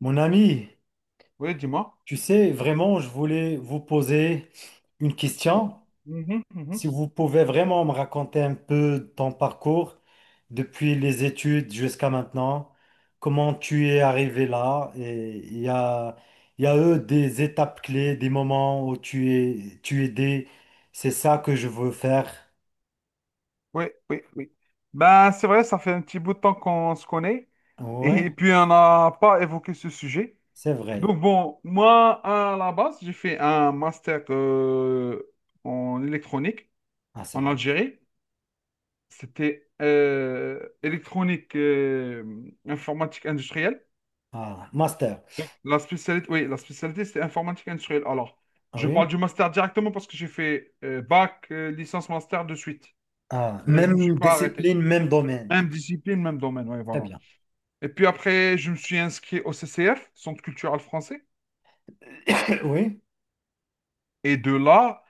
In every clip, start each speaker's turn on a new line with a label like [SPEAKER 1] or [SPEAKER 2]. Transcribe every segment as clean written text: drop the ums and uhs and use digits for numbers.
[SPEAKER 1] Mon ami,
[SPEAKER 2] Oui, dis-moi.
[SPEAKER 1] tu sais, vraiment, je voulais vous poser une question.
[SPEAKER 2] Mhm, mhm.
[SPEAKER 1] Si vous pouvez vraiment me raconter un peu ton parcours depuis les études jusqu'à maintenant, comment tu es arrivé là, et il y a eu des étapes clés, des moments où tu es aidé. C'est ça que je veux faire.
[SPEAKER 2] Oui, oui. Ben, c'est vrai, ça fait un petit bout de temps qu'on se connaît
[SPEAKER 1] Ouais,
[SPEAKER 2] et puis on n'a pas évoqué ce sujet.
[SPEAKER 1] c'est vrai.
[SPEAKER 2] Donc bon, moi, à la base, j'ai fait un master en électronique
[SPEAKER 1] Ah, c'est
[SPEAKER 2] en
[SPEAKER 1] bien.
[SPEAKER 2] Algérie. C'était électronique informatique industrielle.
[SPEAKER 1] Ah, master.
[SPEAKER 2] La spécialité, oui, la spécialité, c'est informatique industrielle. Alors,
[SPEAKER 1] Ah
[SPEAKER 2] je
[SPEAKER 1] oui.
[SPEAKER 2] parle du master directement parce que j'ai fait bac, licence, master de suite.
[SPEAKER 1] Ah,
[SPEAKER 2] Je ne me suis
[SPEAKER 1] même
[SPEAKER 2] pas arrêté.
[SPEAKER 1] discipline, même domaine.
[SPEAKER 2] Même discipline, même domaine, ouais,
[SPEAKER 1] Très
[SPEAKER 2] voilà.
[SPEAKER 1] bien.
[SPEAKER 2] Et puis après, je me suis inscrit au CCF, Centre culturel français.
[SPEAKER 1] Oui.
[SPEAKER 2] Et de là,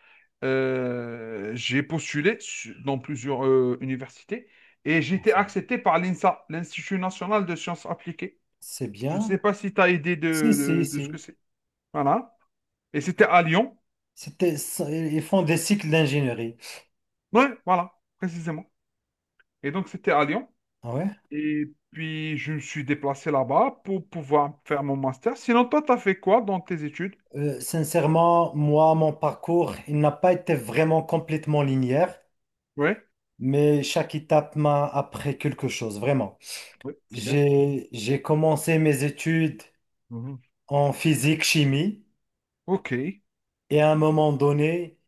[SPEAKER 2] j'ai dans plusieurs universités et j'ai été accepté par l'INSA, l'Institut national de sciences appliquées.
[SPEAKER 1] C'est
[SPEAKER 2] Je ne
[SPEAKER 1] bien.
[SPEAKER 2] sais pas si tu as idée
[SPEAKER 1] Si, si,
[SPEAKER 2] de ce que
[SPEAKER 1] si.
[SPEAKER 2] c'est. Voilà. Et c'était à Lyon.
[SPEAKER 1] Ils font des cycles d'ingénierie.
[SPEAKER 2] Ouais, voilà, précisément. Et donc, c'était à Lyon.
[SPEAKER 1] Ah ouais?
[SPEAKER 2] Et puis, je me suis déplacé là-bas pour pouvoir faire mon master. Sinon, toi, tu as fait quoi dans tes études?
[SPEAKER 1] Sincèrement, moi, mon parcours, il n'a pas été vraiment complètement linéaire,
[SPEAKER 2] Ouais.
[SPEAKER 1] mais chaque étape m'a appris quelque chose, vraiment.
[SPEAKER 2] Ouais, c'est bien.
[SPEAKER 1] J'ai commencé mes études
[SPEAKER 2] Mhm.
[SPEAKER 1] en physique-chimie.
[SPEAKER 2] Ok.
[SPEAKER 1] Et à un moment donné,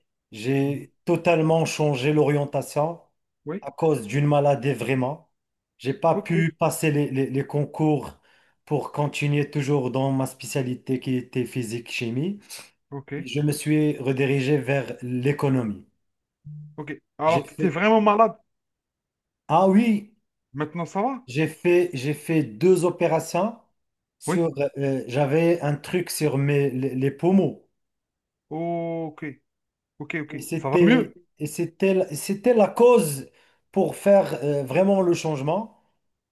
[SPEAKER 2] Mhm.
[SPEAKER 1] j'ai totalement changé l'orientation
[SPEAKER 2] Oui.
[SPEAKER 1] à cause d'une maladie vraiment. J'ai pas
[SPEAKER 2] Ok.
[SPEAKER 1] pu passer les concours pour continuer toujours dans ma spécialité qui était physique-chimie.
[SPEAKER 2] Ok.
[SPEAKER 1] Et je me suis redirigé vers l'économie.
[SPEAKER 2] Ok.
[SPEAKER 1] J'ai
[SPEAKER 2] Alors, tu étais
[SPEAKER 1] fait,
[SPEAKER 2] vraiment malade.
[SPEAKER 1] ah oui,
[SPEAKER 2] Maintenant, ça va?
[SPEAKER 1] j'ai fait deux opérations
[SPEAKER 2] Oui.
[SPEAKER 1] sur, j'avais un truc sur les poumons.
[SPEAKER 2] Ok. Ok. Ok.
[SPEAKER 1] Et
[SPEAKER 2] Ça va mieux?
[SPEAKER 1] c'était la cause pour faire vraiment le changement.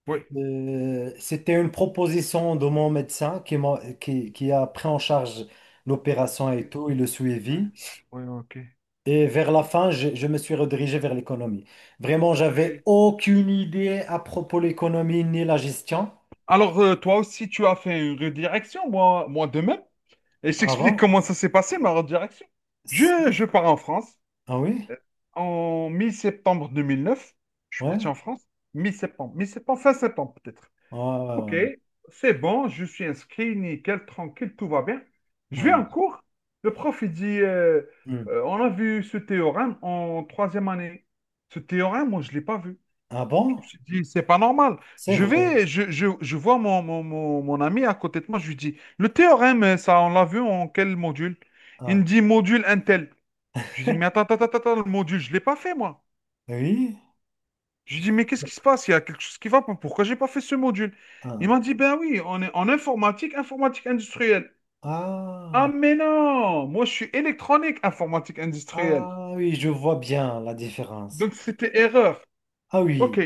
[SPEAKER 2] Oui.
[SPEAKER 1] C'était une proposition de mon médecin qui a pris en charge l'opération et
[SPEAKER 2] Oui.
[SPEAKER 1] tout, et le
[SPEAKER 2] Ouais.
[SPEAKER 1] suivi.
[SPEAKER 2] Ouais, ok.
[SPEAKER 1] Et vers la fin, je me suis redirigé vers l'économie. Vraiment,
[SPEAKER 2] Ok.
[SPEAKER 1] j'avais aucune idée à propos de l'économie ni la gestion
[SPEAKER 2] Alors, toi aussi, tu as fait une redirection, moi de même. Et je t'explique
[SPEAKER 1] avant.
[SPEAKER 2] comment ça s'est passé, ma redirection.
[SPEAKER 1] S-
[SPEAKER 2] Je pars en France.
[SPEAKER 1] Ah oui?
[SPEAKER 2] Euh, En mi-septembre 2009, je suis parti
[SPEAKER 1] Ouais?
[SPEAKER 2] en France. Mi-septembre. Mi-septembre, fin septembre, peut-être. Ok,
[SPEAKER 1] Ah,
[SPEAKER 2] c'est bon, je suis inscrit, nickel, tranquille, tout va bien. Je vais
[SPEAKER 1] ah,
[SPEAKER 2] en
[SPEAKER 1] ah.
[SPEAKER 2] cours. Le prof, il dit,
[SPEAKER 1] Hmm.
[SPEAKER 2] on a vu ce théorème en troisième année. Ce théorème, moi, je ne l'ai pas vu.
[SPEAKER 1] Ah
[SPEAKER 2] Je me
[SPEAKER 1] bon?
[SPEAKER 2] suis dit, c'est pas normal.
[SPEAKER 1] C'est
[SPEAKER 2] Je
[SPEAKER 1] vrai.
[SPEAKER 2] vais, je vois mon ami à côté de moi, je lui dis, le théorème, ça, on l'a vu en quel module? Il me
[SPEAKER 1] Ah
[SPEAKER 2] dit, module Intel. Je lui dis, mais attends, le module, je ne l'ai pas fait, moi.
[SPEAKER 1] oui?
[SPEAKER 2] J'ai dit, mais qu'est-ce qui se passe? Il y a quelque chose qui va pas. Pourquoi j'ai pas fait ce module? Il
[SPEAKER 1] Ah.
[SPEAKER 2] m'a dit, ben oui, on est en informatique, informatique industrielle. Ah,
[SPEAKER 1] Ah,
[SPEAKER 2] mais non! Moi, je suis électronique, informatique industrielle.
[SPEAKER 1] ah oui, je vois bien la différence.
[SPEAKER 2] Donc, c'était erreur.
[SPEAKER 1] Ah
[SPEAKER 2] Ok.
[SPEAKER 1] oui,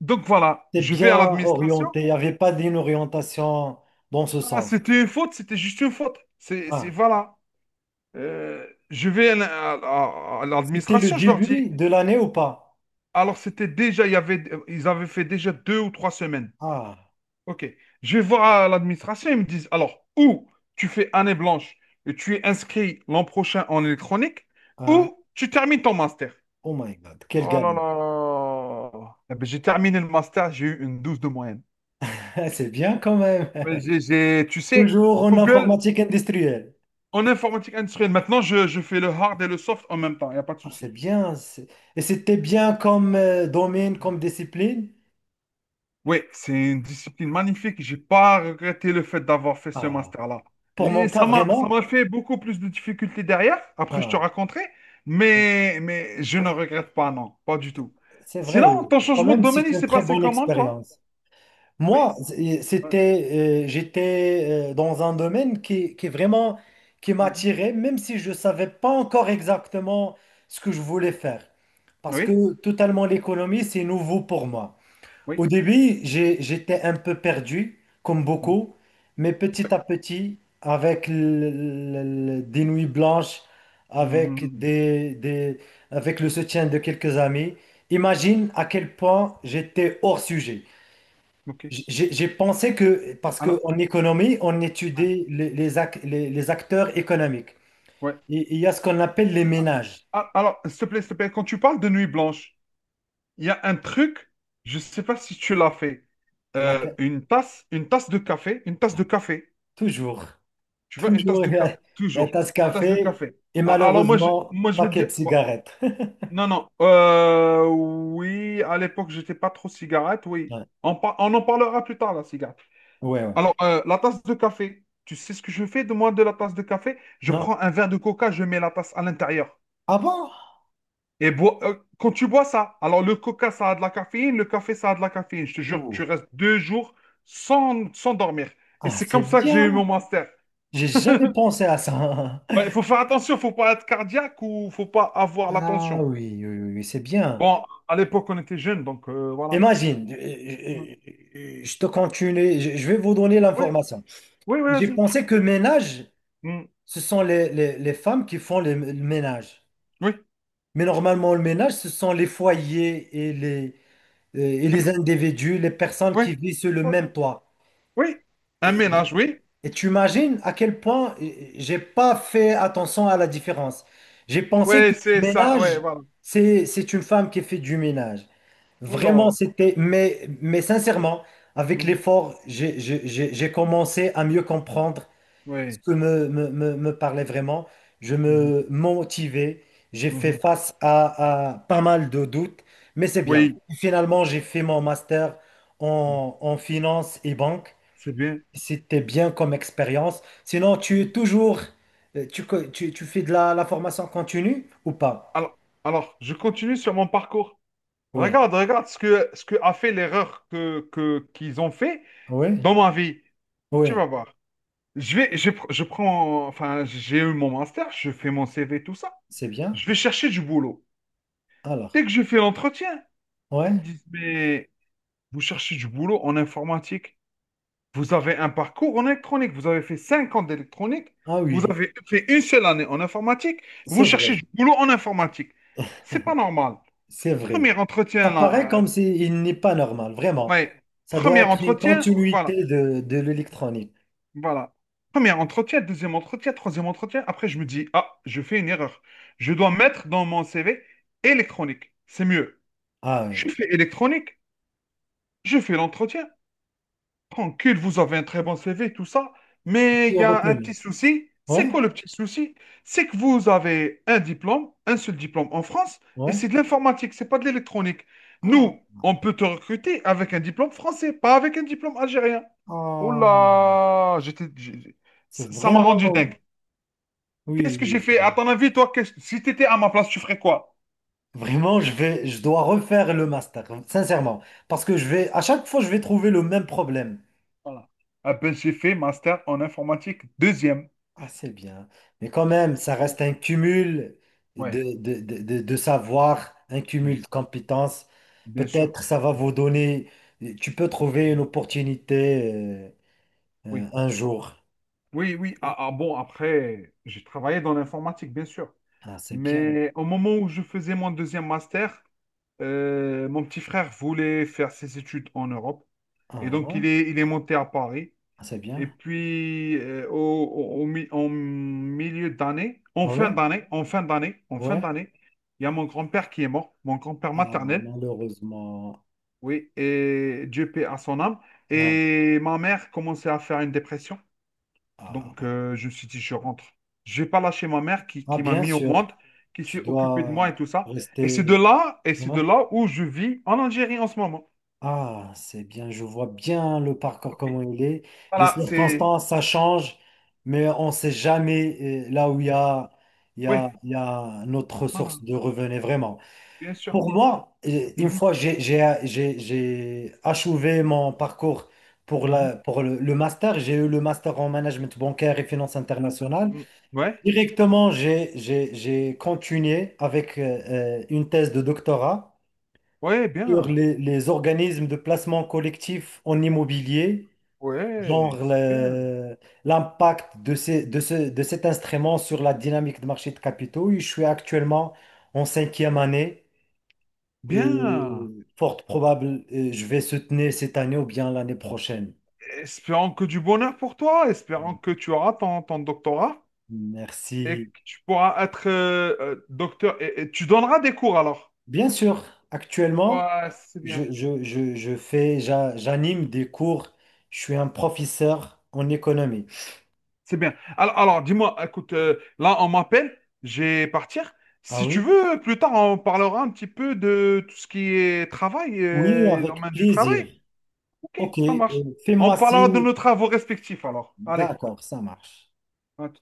[SPEAKER 2] Donc, voilà.
[SPEAKER 1] c'est
[SPEAKER 2] Je vais
[SPEAKER 1] bien
[SPEAKER 2] à l'administration.
[SPEAKER 1] orienté. Il n'y avait pas d'une orientation dans ce
[SPEAKER 2] Ah,
[SPEAKER 1] sens.
[SPEAKER 2] c'était une faute, c'était juste une faute.
[SPEAKER 1] Ah,
[SPEAKER 2] Voilà. Euh, je vais à à
[SPEAKER 1] c'était le
[SPEAKER 2] l'administration, je leur dis.
[SPEAKER 1] début de l'année ou pas?
[SPEAKER 2] Alors, c'était déjà, il y avait, ils avaient fait déjà deux ou trois semaines.
[SPEAKER 1] Ah,
[SPEAKER 2] Ok. Je vais voir à l'administration, ils me disent, alors, ou tu fais année blanche et tu es inscrit l'an prochain en électronique,
[SPEAKER 1] ah,
[SPEAKER 2] ou tu termines ton master.
[SPEAKER 1] oh my God, quelle
[SPEAKER 2] Oh là
[SPEAKER 1] galère.
[SPEAKER 2] là. Eh ben, j'ai terminé le master, j'ai eu une 12 de moyenne.
[SPEAKER 1] C'est bien quand même.
[SPEAKER 2] Tu sais,
[SPEAKER 1] Toujours en
[SPEAKER 2] Google
[SPEAKER 1] informatique industrielle.
[SPEAKER 2] en informatique industrielle. Maintenant, je fais le hard et le soft en même temps, il n'y a pas de
[SPEAKER 1] Ah, c'est
[SPEAKER 2] souci.
[SPEAKER 1] bien. Et c'était bien comme domaine, comme discipline.
[SPEAKER 2] Oui, c'est une discipline magnifique. J'ai pas regretté le fait d'avoir fait ce
[SPEAKER 1] Ah,
[SPEAKER 2] master-là.
[SPEAKER 1] pour
[SPEAKER 2] Et
[SPEAKER 1] mon cas,
[SPEAKER 2] ça m'a, ça
[SPEAKER 1] vraiment.
[SPEAKER 2] m'a fait beaucoup plus de difficultés derrière. Après, je te
[SPEAKER 1] Ah,
[SPEAKER 2] raconterai. Mais je ne regrette pas, non, pas du tout.
[SPEAKER 1] c'est
[SPEAKER 2] Sinon,
[SPEAKER 1] vrai.
[SPEAKER 2] ton
[SPEAKER 1] Quand
[SPEAKER 2] changement de
[SPEAKER 1] même,
[SPEAKER 2] domaine,
[SPEAKER 1] c'est
[SPEAKER 2] il
[SPEAKER 1] une
[SPEAKER 2] s'est
[SPEAKER 1] très
[SPEAKER 2] passé
[SPEAKER 1] bonne
[SPEAKER 2] comment, toi?
[SPEAKER 1] expérience.
[SPEAKER 2] Oui.
[SPEAKER 1] Moi, c'est-
[SPEAKER 2] Ouais,
[SPEAKER 1] c'était, euh, j'étais euh, dans un domaine qui vraiment qui
[SPEAKER 2] mhm,
[SPEAKER 1] m'attirait, même si je ne savais pas encore exactement ce que je voulais faire. Parce
[SPEAKER 2] oui.
[SPEAKER 1] que totalement l'économie, c'est nouveau pour moi.
[SPEAKER 2] Oui.
[SPEAKER 1] Au début, j'étais un peu perdu, comme
[SPEAKER 2] Mhm,
[SPEAKER 1] beaucoup, mais
[SPEAKER 2] ouais,
[SPEAKER 1] petit à petit, avec des nuits blanches, avec
[SPEAKER 2] mhm,
[SPEAKER 1] avec le soutien de quelques amis, imagine à quel point j'étais hors sujet.
[SPEAKER 2] ok.
[SPEAKER 1] J'ai pensé que, parce
[SPEAKER 2] Alors,
[SPEAKER 1] qu'en économie, on
[SPEAKER 2] ouais,
[SPEAKER 1] étudie les acteurs économiques.
[SPEAKER 2] ouais.
[SPEAKER 1] Et il y a ce qu'on appelle les ménages.
[SPEAKER 2] Ah, alors, s'il te plaît, quand tu parles de nuit blanche, il y a un truc, je ne sais pas si tu l'as fait.
[SPEAKER 1] La
[SPEAKER 2] Une tasse de café, une tasse
[SPEAKER 1] Ah,
[SPEAKER 2] de café.
[SPEAKER 1] toujours,
[SPEAKER 2] Tu vois, une tasse
[SPEAKER 1] toujours,
[SPEAKER 2] de café,
[SPEAKER 1] il y a
[SPEAKER 2] toujours.
[SPEAKER 1] tasse
[SPEAKER 2] La tasse de
[SPEAKER 1] café
[SPEAKER 2] café.
[SPEAKER 1] et
[SPEAKER 2] Alors
[SPEAKER 1] malheureusement,
[SPEAKER 2] je vais te
[SPEAKER 1] paquet
[SPEAKER 2] dire...
[SPEAKER 1] de
[SPEAKER 2] oh,
[SPEAKER 1] cigarettes.
[SPEAKER 2] non, non. Oui, à l'époque, j'étais pas trop cigarette, oui.
[SPEAKER 1] Ouais,
[SPEAKER 2] On en parlera plus tard, la cigarette.
[SPEAKER 1] ouais, ouais.
[SPEAKER 2] Alors, la tasse de café. Tu sais ce que je fais de moi de la tasse de café? Je
[SPEAKER 1] Non.
[SPEAKER 2] prends un verre de coca, je mets la tasse à l'intérieur.
[SPEAKER 1] Ah bon?
[SPEAKER 2] Et bois, quand tu bois ça, alors le coca, ça a de la caféine, le café, ça a de la caféine. Je te jure, tu
[SPEAKER 1] Ouh.
[SPEAKER 2] restes deux jours sans dormir. Et
[SPEAKER 1] Ah,
[SPEAKER 2] c'est
[SPEAKER 1] c'est
[SPEAKER 2] comme ça que j'ai eu mon
[SPEAKER 1] bien.
[SPEAKER 2] master.
[SPEAKER 1] J'ai jamais pensé à ça.
[SPEAKER 2] Ouais, il faut faire attention, faut pas être cardiaque ou faut pas avoir la
[SPEAKER 1] Ah
[SPEAKER 2] tension.
[SPEAKER 1] oui, oui, oui, oui, c'est bien.
[SPEAKER 2] Bon, à l'époque, on était jeunes, donc voilà.
[SPEAKER 1] Imagine,
[SPEAKER 2] Mm.
[SPEAKER 1] je te continue, je vais vous donner
[SPEAKER 2] Oui,
[SPEAKER 1] l'information.
[SPEAKER 2] oui,
[SPEAKER 1] J'ai
[SPEAKER 2] vas-y.
[SPEAKER 1] pensé que ménage,
[SPEAKER 2] Mm.
[SPEAKER 1] ce sont les femmes qui font le ménage.
[SPEAKER 2] Oui,
[SPEAKER 1] Mais normalement, le ménage, ce sont les foyers et les individus, les personnes
[SPEAKER 2] oui,
[SPEAKER 1] qui vivent sur le
[SPEAKER 2] oui,
[SPEAKER 1] même toit.
[SPEAKER 2] oui. Un
[SPEAKER 1] Et,
[SPEAKER 2] ménage, oui.
[SPEAKER 1] et tu imagines à quel point j'ai pas fait attention à la différence. J'ai pensé
[SPEAKER 2] Oui,
[SPEAKER 1] que
[SPEAKER 2] c'est
[SPEAKER 1] le
[SPEAKER 2] ça, oui,
[SPEAKER 1] ménage,
[SPEAKER 2] voilà.
[SPEAKER 1] c'est une femme qui fait du ménage. Vraiment,
[SPEAKER 2] Oula.
[SPEAKER 1] c'était... mais sincèrement, avec
[SPEAKER 2] Mhm.
[SPEAKER 1] l'effort, j'ai commencé à mieux comprendre ce
[SPEAKER 2] Oui.
[SPEAKER 1] que me parlait vraiment. Je
[SPEAKER 2] Mhm.
[SPEAKER 1] me motivais. J'ai fait
[SPEAKER 2] Mhm.
[SPEAKER 1] face à pas mal de doutes, mais c'est bien.
[SPEAKER 2] Oui,
[SPEAKER 1] Finalement, j'ai fait mon master en finance et banque.
[SPEAKER 2] c'est bien.
[SPEAKER 1] C'était bien comme expérience. Sinon, tu es toujours, tu, tu fais de la formation continue ou pas?
[SPEAKER 2] Alors, alors, je continue sur mon parcours.
[SPEAKER 1] Oui,
[SPEAKER 2] Regarde, regarde ce que a fait l'erreur qu'ils ont fait
[SPEAKER 1] oui,
[SPEAKER 2] dans ma vie. Tu vas
[SPEAKER 1] oui,
[SPEAKER 2] voir. Je vais, je, pr- je prends, enfin, j'ai eu mon master, je fais mon CV, tout ça.
[SPEAKER 1] c'est bien.
[SPEAKER 2] Je vais chercher du boulot. Dès que
[SPEAKER 1] Alors,
[SPEAKER 2] je fais l'entretien, ils me
[SPEAKER 1] ouais,
[SPEAKER 2] disent, mais vous cherchez du boulot en informatique. Vous avez un parcours en électronique. Vous avez fait 5 ans d'électronique.
[SPEAKER 1] ah
[SPEAKER 2] Vous
[SPEAKER 1] oui,
[SPEAKER 2] avez fait une seule année en informatique. Vous
[SPEAKER 1] c'est
[SPEAKER 2] cherchez
[SPEAKER 1] vrai.
[SPEAKER 2] du boulot en informatique. C'est pas normal.
[SPEAKER 1] C'est vrai.
[SPEAKER 2] Premier
[SPEAKER 1] Ça
[SPEAKER 2] entretien,
[SPEAKER 1] paraît
[SPEAKER 2] là,
[SPEAKER 1] comme s'il n'est pas normal, vraiment.
[SPEAKER 2] ouais,
[SPEAKER 1] Ça doit
[SPEAKER 2] premier
[SPEAKER 1] être une
[SPEAKER 2] entretien, voilà.
[SPEAKER 1] continuité de l'électronique.
[SPEAKER 2] Voilà. Premier entretien, deuxième entretien, troisième entretien. Après, je me dis, ah, je fais une erreur. Je dois mettre dans mon CV électronique. C'est mieux.
[SPEAKER 1] Ah
[SPEAKER 2] Je
[SPEAKER 1] oui.
[SPEAKER 2] fais électronique, je fais l'entretien. Tranquille, vous avez un très bon CV, tout ça. Mais
[SPEAKER 1] Tu
[SPEAKER 2] il
[SPEAKER 1] as
[SPEAKER 2] y a un
[SPEAKER 1] retenu.
[SPEAKER 2] petit souci. C'est
[SPEAKER 1] Ouais,
[SPEAKER 2] quoi le petit souci? C'est que vous avez un diplôme, un seul diplôme en France, et
[SPEAKER 1] ouais.
[SPEAKER 2] c'est de l'informatique, c'est pas de l'électronique.
[SPEAKER 1] Ah,
[SPEAKER 2] Nous, on peut te recruter avec un diplôme français, pas avec un diplôme algérien. Oh
[SPEAKER 1] ah.
[SPEAKER 2] là, ça
[SPEAKER 1] C'est
[SPEAKER 2] ça m'a rendu
[SPEAKER 1] vraiment.
[SPEAKER 2] dingue.
[SPEAKER 1] Oui,
[SPEAKER 2] Qu'est-ce que j'ai
[SPEAKER 1] oui,
[SPEAKER 2] fait? À
[SPEAKER 1] oui.
[SPEAKER 2] ton avis, toi, qu'est-ce, si tu étais à ma place, tu ferais quoi?
[SPEAKER 1] Vraiment, je vais, je dois refaire le master, sincèrement. Parce que je vais, à chaque fois, je vais trouver le même problème.
[SPEAKER 2] Voilà. Ah ben, j'ai fait master en informatique deuxième.
[SPEAKER 1] Ah, c'est bien. Mais quand même, ça
[SPEAKER 2] Voilà.
[SPEAKER 1] reste un cumul
[SPEAKER 2] Ouais,
[SPEAKER 1] de savoir, un cumul
[SPEAKER 2] oui,
[SPEAKER 1] de compétences.
[SPEAKER 2] bien sûr.
[SPEAKER 1] Peut-être ça va
[SPEAKER 2] Bien
[SPEAKER 1] vous
[SPEAKER 2] sûr.
[SPEAKER 1] donner, tu peux trouver une opportunité
[SPEAKER 2] Oui.
[SPEAKER 1] un jour.
[SPEAKER 2] Oui, oui. Ah, ah, bon, après, j'ai travaillé dans l'informatique, bien sûr.
[SPEAKER 1] Ah, c'est bien.
[SPEAKER 2] Mais au moment où je faisais mon deuxième master, mon petit frère voulait faire ses études en Europe. Et donc,
[SPEAKER 1] Ah,
[SPEAKER 2] il est monté à Paris.
[SPEAKER 1] ah, c'est
[SPEAKER 2] Et
[SPEAKER 1] bien.
[SPEAKER 2] puis, en milieu d'année,
[SPEAKER 1] Ah oui?
[SPEAKER 2] en fin
[SPEAKER 1] Ouais.
[SPEAKER 2] d'année, il y a mon grand-père qui est mort, mon grand-père
[SPEAKER 1] Ah,
[SPEAKER 2] maternel.
[SPEAKER 1] malheureusement.
[SPEAKER 2] Oui, et Dieu paie à son âme.
[SPEAKER 1] Ah,
[SPEAKER 2] Et ma mère commençait à faire une dépression.
[SPEAKER 1] ah.
[SPEAKER 2] Donc, je me suis dit, je rentre. Je vais pas lâcher ma mère
[SPEAKER 1] Ah,
[SPEAKER 2] qui m'a
[SPEAKER 1] bien
[SPEAKER 2] mis au
[SPEAKER 1] sûr,
[SPEAKER 2] monde, qui
[SPEAKER 1] tu
[SPEAKER 2] s'est occupée de moi
[SPEAKER 1] dois
[SPEAKER 2] et tout ça. Et
[SPEAKER 1] rester.
[SPEAKER 2] c'est
[SPEAKER 1] Ouais.
[SPEAKER 2] de là où je vis en Algérie en ce moment.
[SPEAKER 1] Ah, c'est bien, je vois bien le parcours
[SPEAKER 2] Ok.
[SPEAKER 1] comment il est. Les
[SPEAKER 2] Voilà, c'est...
[SPEAKER 1] circonstances, ça change, mais on ne sait jamais là où
[SPEAKER 2] Oui,
[SPEAKER 1] il y a notre
[SPEAKER 2] voilà,
[SPEAKER 1] source de revenus, vraiment.
[SPEAKER 2] bien sûr.
[SPEAKER 1] Pour moi, une
[SPEAKER 2] Mhm,
[SPEAKER 1] fois j'ai achevé mon parcours pour,
[SPEAKER 2] mhm,
[SPEAKER 1] pour le master, j'ai eu le master en management bancaire et finances internationales.
[SPEAKER 2] mhm. Ouais,
[SPEAKER 1] Directement, j'ai continué avec une thèse de doctorat
[SPEAKER 2] ouais,
[SPEAKER 1] sur
[SPEAKER 2] bien.
[SPEAKER 1] les organismes de placement collectif en immobilier, genre
[SPEAKER 2] Ouais, c'est bien.
[SPEAKER 1] l'impact de, ces- de, ce- de cet instrument sur la dynamique de marché de capitaux. Je suis actuellement en 5e année et
[SPEAKER 2] Bien.
[SPEAKER 1] fort probable, je vais soutenir cette année ou bien l'année prochaine.
[SPEAKER 2] Espérons que du bonheur pour toi. Espérons que tu auras ton doctorat et
[SPEAKER 1] Merci.
[SPEAKER 2] que tu pourras être docteur. Et tu donneras des cours alors.
[SPEAKER 1] Bien sûr, actuellement,
[SPEAKER 2] Ouais, c'est bien.
[SPEAKER 1] j'anime des cours. Je suis un professeur en économie.
[SPEAKER 2] C'est bien. Alors, dis-moi, écoute, là, on m'appelle, je vais partir.
[SPEAKER 1] Ah
[SPEAKER 2] Si tu
[SPEAKER 1] oui?
[SPEAKER 2] veux, plus tard, on parlera un petit peu de tout ce qui est travail,
[SPEAKER 1] Oui, avec
[SPEAKER 2] domaine du
[SPEAKER 1] plaisir.
[SPEAKER 2] travail. Ok,
[SPEAKER 1] Ok,
[SPEAKER 2] ça marche. On
[SPEAKER 1] fais-moi
[SPEAKER 2] parlera de
[SPEAKER 1] signe.
[SPEAKER 2] nos travaux respectifs, alors. Allez,
[SPEAKER 1] D'accord, ça marche.
[SPEAKER 2] à tout